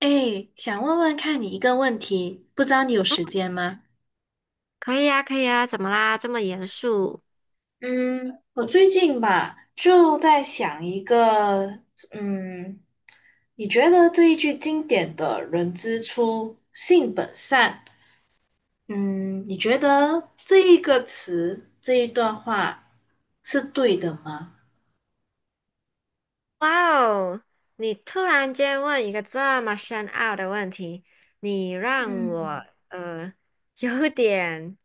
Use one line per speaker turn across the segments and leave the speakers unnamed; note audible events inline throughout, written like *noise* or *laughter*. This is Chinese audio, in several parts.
哎，想问问看你一个问题，不知道你有
嗯，
时间吗？
可以啊，可以啊，怎么啦？这么严肃？
嗯，我最近吧就在想一个，嗯，你觉得这一句经典的“人之初，性本善”，嗯，你觉得这一个词，这一段话是对的吗？
哇哦，你突然间问一个这么深奥的问题，你让
嗯。
我有点，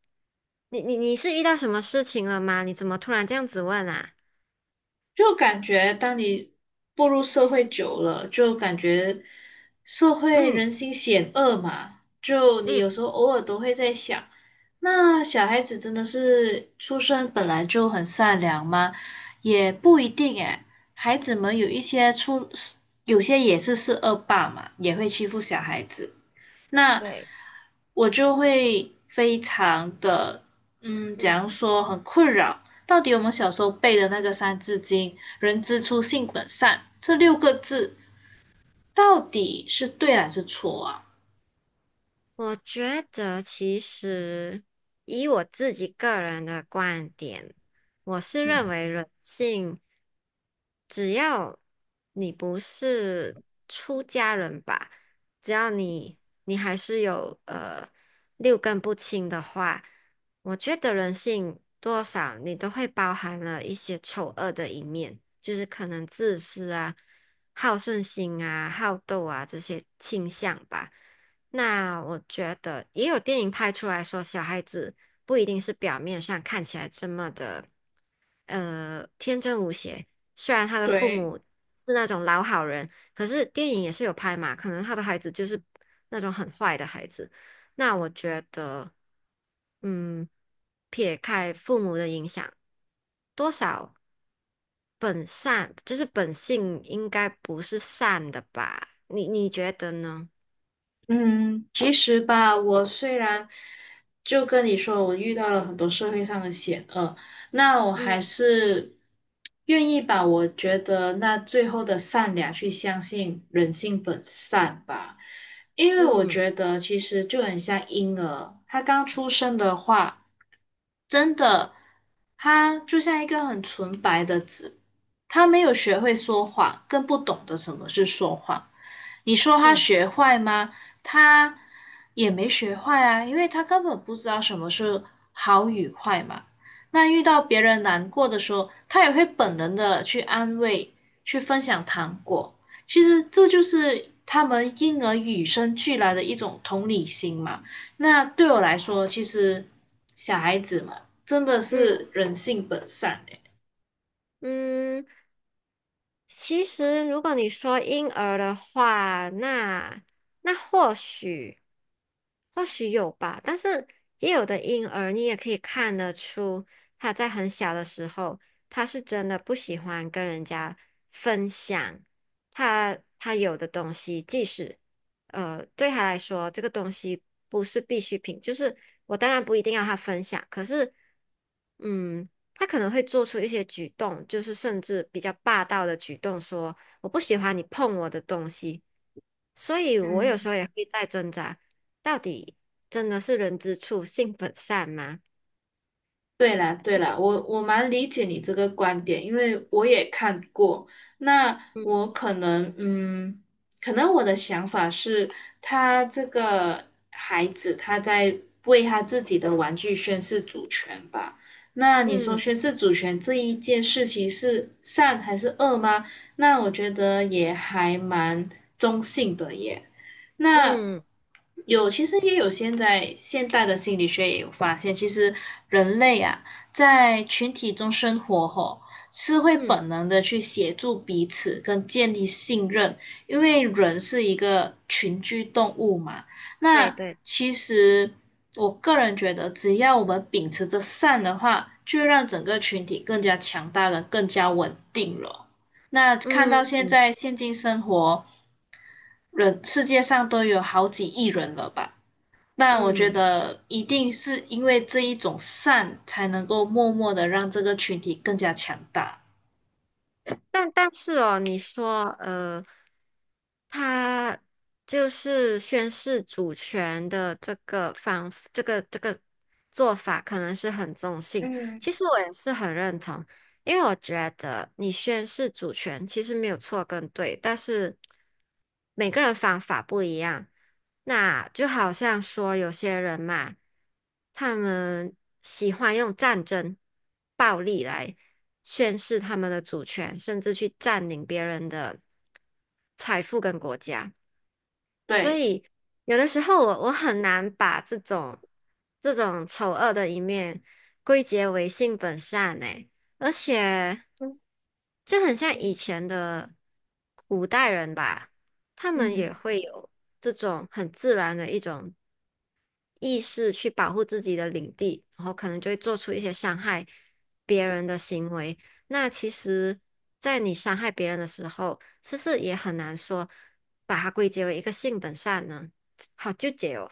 你是遇到什么事情了吗？你怎么突然这样子问啊？
就感觉当你步入社会久了，就感觉社会
嗯
人心险恶嘛，就你
嗯，
有时候偶尔都会在想，那小孩子真的是出生本来就很善良吗？也不一定诶，孩子们有一些出，有些也是恶霸嘛，也会欺负小孩子。那
对。
我就会非常的，假
嗯。
如说，很困扰。到底我们小时候背的那个《三字经》“人之初，性本善”这六个字，到底是对还是错啊？
我觉得其实以我自己个人的观点，我是认
嗯，
为人性，只要你不是出家人吧，只要你还是有六根不清的话，我觉得人性多少你都会包含了一些丑恶的一面，就是可能自私啊、好胜心啊、好斗啊这些倾向吧。那我觉得也有电影拍出来说，小孩子不一定是表面上看起来这么的，天真无邪。虽然他的父
对，
母是那种老好人，可是电影也是有拍嘛，可能他的孩子就是那种很坏的孩子。那我觉得，嗯，撇开父母的影响，多少本善，就是本性应该不是善的吧？你觉得呢？
嗯，其实吧，我虽然就跟你说，我遇到了很多社会上的险恶，那我还
嗯
是愿意把我觉得那最后的善良去相信人性本善吧，因为我
嗯。
觉得其实就很像婴儿，他刚出生的话，真的，他就像一个很纯白的纸，他没有学会说谎，更不懂得什么是说谎。你说他
嗯
学坏吗？他也没学坏啊，因为他根本不知道什么是好与坏嘛。那遇到别人难过的时候，他也会本能的去安慰，去分享糖果。其实这就是他们婴儿与生俱来的一种同理心嘛。那对我来说，其实小孩子嘛，真的
嗯
是人性本善诶。
嗯，其实如果你说婴儿的话，那那或许有吧，但是也有的婴儿你也可以看得出他在很小的时候，他是真的不喜欢跟人家分享他有的东西，即使对他来说这个东西不是必需品，就是我当然不一定要他分享，可是。嗯，他可能会做出一些举动，就是甚至比较霸道的举动，说我不喜欢你碰我的东西。所以我有时
嗯，
候也会在挣扎，到底真的是人之初性本善吗？
对了，对了，我蛮理解你这个观点，因为我也看过。那
嗯
我可能，可能我的想法是，他这个孩子他在为他自己的玩具宣誓主权吧。那你说
嗯
宣誓主权这一件事情是善还是恶吗？那我觉得也还蛮中性的耶。那
嗯
有，其实也有现在现代的心理学也有发现，其实人类啊，在群体中生活后，是会
嗯，
本能的去协助彼此跟建立信任，因为人是一个群居动物嘛。
对
那
对，
其实我个人觉得，只要我们秉持着善的话，就会让整个群体更加强大了，更加稳定了。那看
嗯
到现
嗯
在现今生活，人，世界上都有好几亿人了吧？那我觉
嗯。
得一定是因为这一种善，才能够默默的让这个群体更加强大。
但但是哦，你说，他就是宣示主权的这个方，这个做法，可能是很中性。其实我也是很认同，因为我觉得你宣示主权其实没有错跟对，但是每个人方法不一样。那就好像说有些人嘛，他们喜欢用战争、暴力来宣示他们的主权，甚至去占领别人的财富跟国家。所
对，
以有的时候我很难把这种丑恶的一面归结为性本善诶，而且就很像以前的古代人吧，他们也
嗯，
会有这种很自然的一种意识去保护自己的领地，然后可能就会做出一些伤害别人的行为。那其实，在你伤害别人的时候，是不是也很难说把它归结为一个性本善呢？好纠结哦。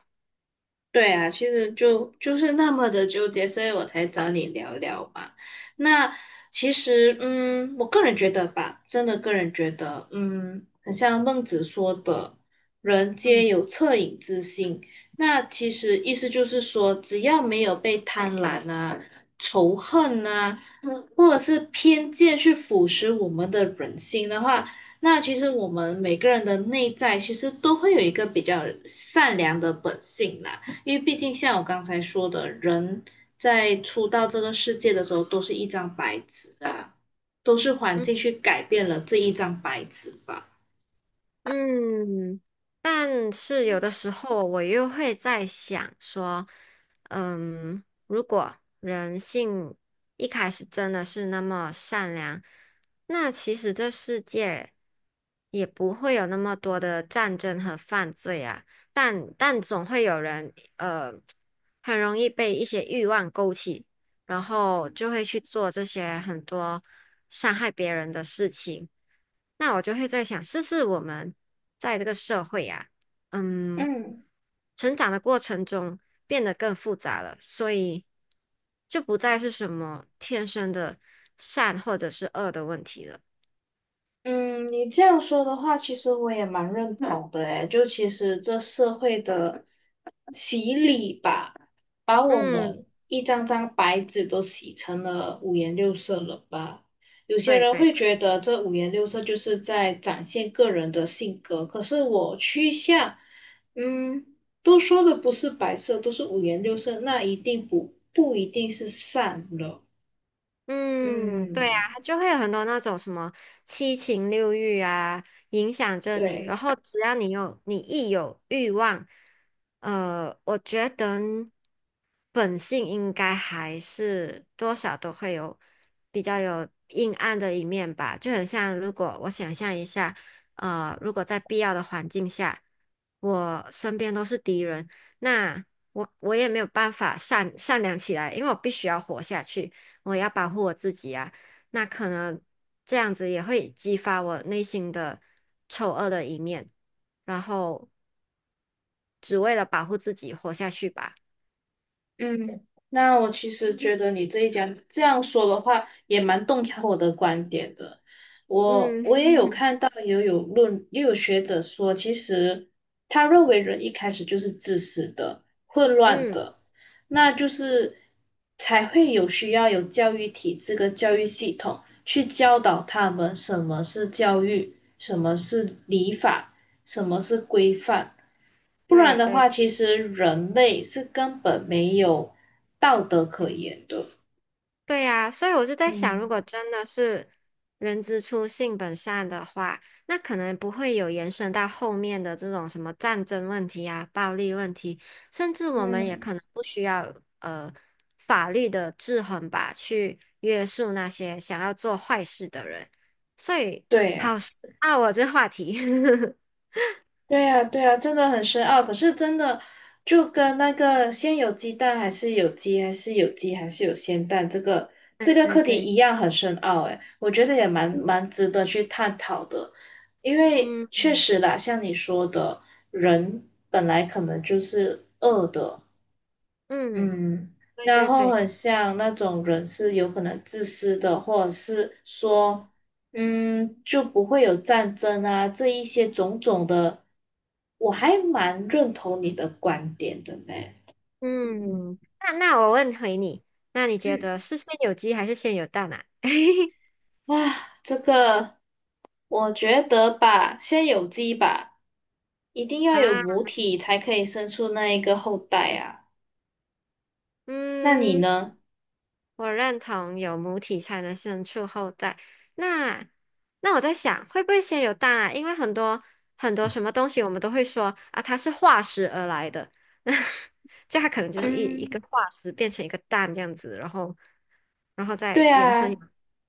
对啊，其实就是那么的纠结，所以我才找你聊聊嘛。那其实，我个人觉得吧，真的个人觉得，很像孟子说的“人皆
嗯
有恻隐之心”。那其实意思就是说，只要没有被贪婪啊、仇恨啊或者是偏见去腐蚀我们的人心的话，那其实我们每个人的内在其实都会有一个比较善良的本性啦。因为毕竟像我刚才说的，人在出到这个世界的时候都是一张白纸啊，都是环境去改变了这一张白纸吧。
嗯，但是有的时候我又会在想说，嗯，如果人性一开始真的是那么善良，那其实这世界也不会有那么多的战争和犯罪啊。但但总会有人，很容易被一些欲望勾起。然后就会去做这些很多伤害别人的事情。那我就会在想，是不是我们在这个社会啊，嗯，
嗯。
成长的过程中变得更复杂了，所以就不再是什么天生的善或者是恶的问题了。
嗯，你这样说的话，其实我也蛮认同的诶，就其实这社会的洗礼吧，把我
嗯，
们一张张白纸都洗成了五颜六色了吧？有些
对
人
对。
会觉得这五颜六色就是在展现个人的性格，可是我趋向，嗯，都说的不是白色，都是五颜六色，那一定不一定是善了，
嗯，对啊，
嗯，
它就会有很多那种什么七情六欲啊，影响着你。然
对。
后只要你有，你一有欲望，我觉得本性应该还是多少都会有比较有阴暗的一面吧。就很像，如果我想象一下，如果在必要的环境下，我身边都是敌人，那我也没有办法善良起来，因为我必须要活下去。我要保护我自己啊，那可能这样子也会激发我内心的丑恶的一面，然后只为了保护自己活下去吧。
嗯，那我其实觉得你这一讲这样说的话，也蛮动摇我的观点的。我我也有
嗯
看
*laughs*
到，也有论，也有学者说，其实他认为人一开始就是自私的、混乱
嗯，
的，那就是才会有需要有教育体制跟教育系统去教导他们什么是教育，什么是礼法，什么是规范。不然
对
的
对。
话，其实人类是根本没有道德可言的。
对呀，所以我就在想，如
嗯
果真的是人之初性本善的话，那可能不会有延伸到后面的这种什么战争问题啊、暴力问题，甚至我们也
嗯，
可能不需要法律的制衡吧，去约束那些想要做坏事的人。所以，
对呀，
好深啊，我这话题。*laughs*
对呀，对呀，真的很深奥。可是真的就跟那个先有鸡蛋还是有鸡，还是有鸡还是有先蛋这个这
对
个
对
课题
对，
一样很深奥。诶，我觉得也蛮值得去探讨的，因为确
嗯
实啦，像你说的，人本来可能就是恶的，
嗯，
嗯，
对
然
对
后
对。
很像那种人是有可能自私的，或者是说，就不会有战争啊，这一些种种的，我还蛮认同你的观点的呢。嗯，
嗯，那那我问回你，那你觉
嗯，
得是先有鸡还是先有蛋啊？*laughs*
哇，这个我觉得吧，先有鸡吧，一定要有
啊，
母体才可以生出那一个后代啊。那你
嗯，
呢？
我认同有母体才能生出后代。那那我在想，会不会先有蛋啊？因为很多什么东西，我们都会说啊，它是化石而来的，*laughs* 那就它可能就是一一
嗯，
个化石变成一个蛋这样子，然后然后再
对
延伸
啊，
有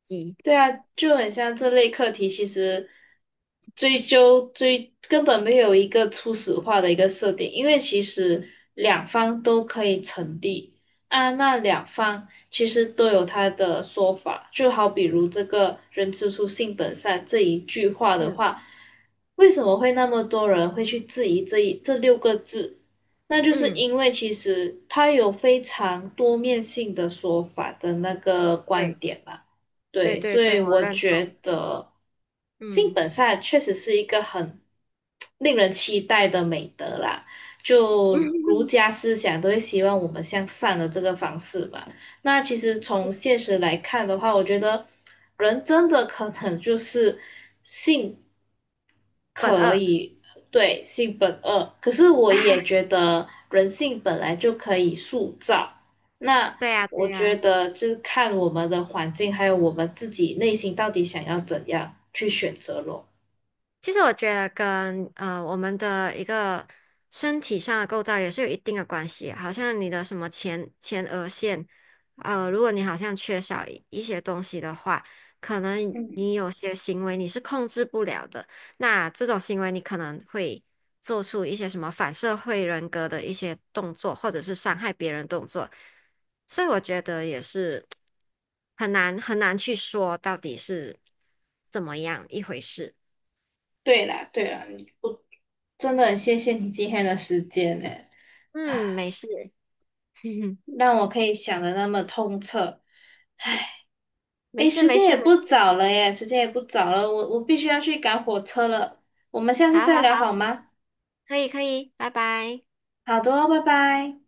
鸡。
对啊，就很像这类课题，其实追究追根本没有一个初始化的一个设定，因为其实两方都可以成立啊，那两方其实都有他的说法，就好比如这个“人之初，性本善”这一句话的
嗯
话，为什么会那么多人会去质疑这六个字？那就是
嗯，
因为其实它有非常多面性的说法的那个观
对
点嘛。
对
对，
对
所
对，
以
我
我
认同。
觉得性
嗯。
本善确实是一个很令人期待的美德啦。就儒
*laughs*
家思想都会希望我们向善的这个方式嘛。那其实从现实来看的话，我觉得人真的可能就是性。
本
可
二，
以，对，性本恶。可是我
哎，
也觉得人性本来就可以塑造。那
对呀，对
我觉
呀，
得就是看我们的环境，还有我们自己内心到底想要怎样去选择咯。
其实我觉得跟我们的一个身体上的构造也是有一定的关系，好像你的什么前额线，如果你好像缺少一些东西的话，可能
嗯，
你有些行为你是控制不了的，那这种行为你可能会做出一些什么反社会人格的一些动作，或者是伤害别人动作，所以我觉得也是很难去说到底是怎么样一回事。
对啦，对啦，我真的很谢谢你今天的时间呢，
嗯，没事，*laughs*
让我可以想的那么通彻。
没
诶，
事，
时
没
间也
事，没，
不早了耶，时间也不早了，我必须要去赶火车了。我们下次
好
再
好
聊
好，
好吗？
可以，可以，拜拜。
好的哦拜拜。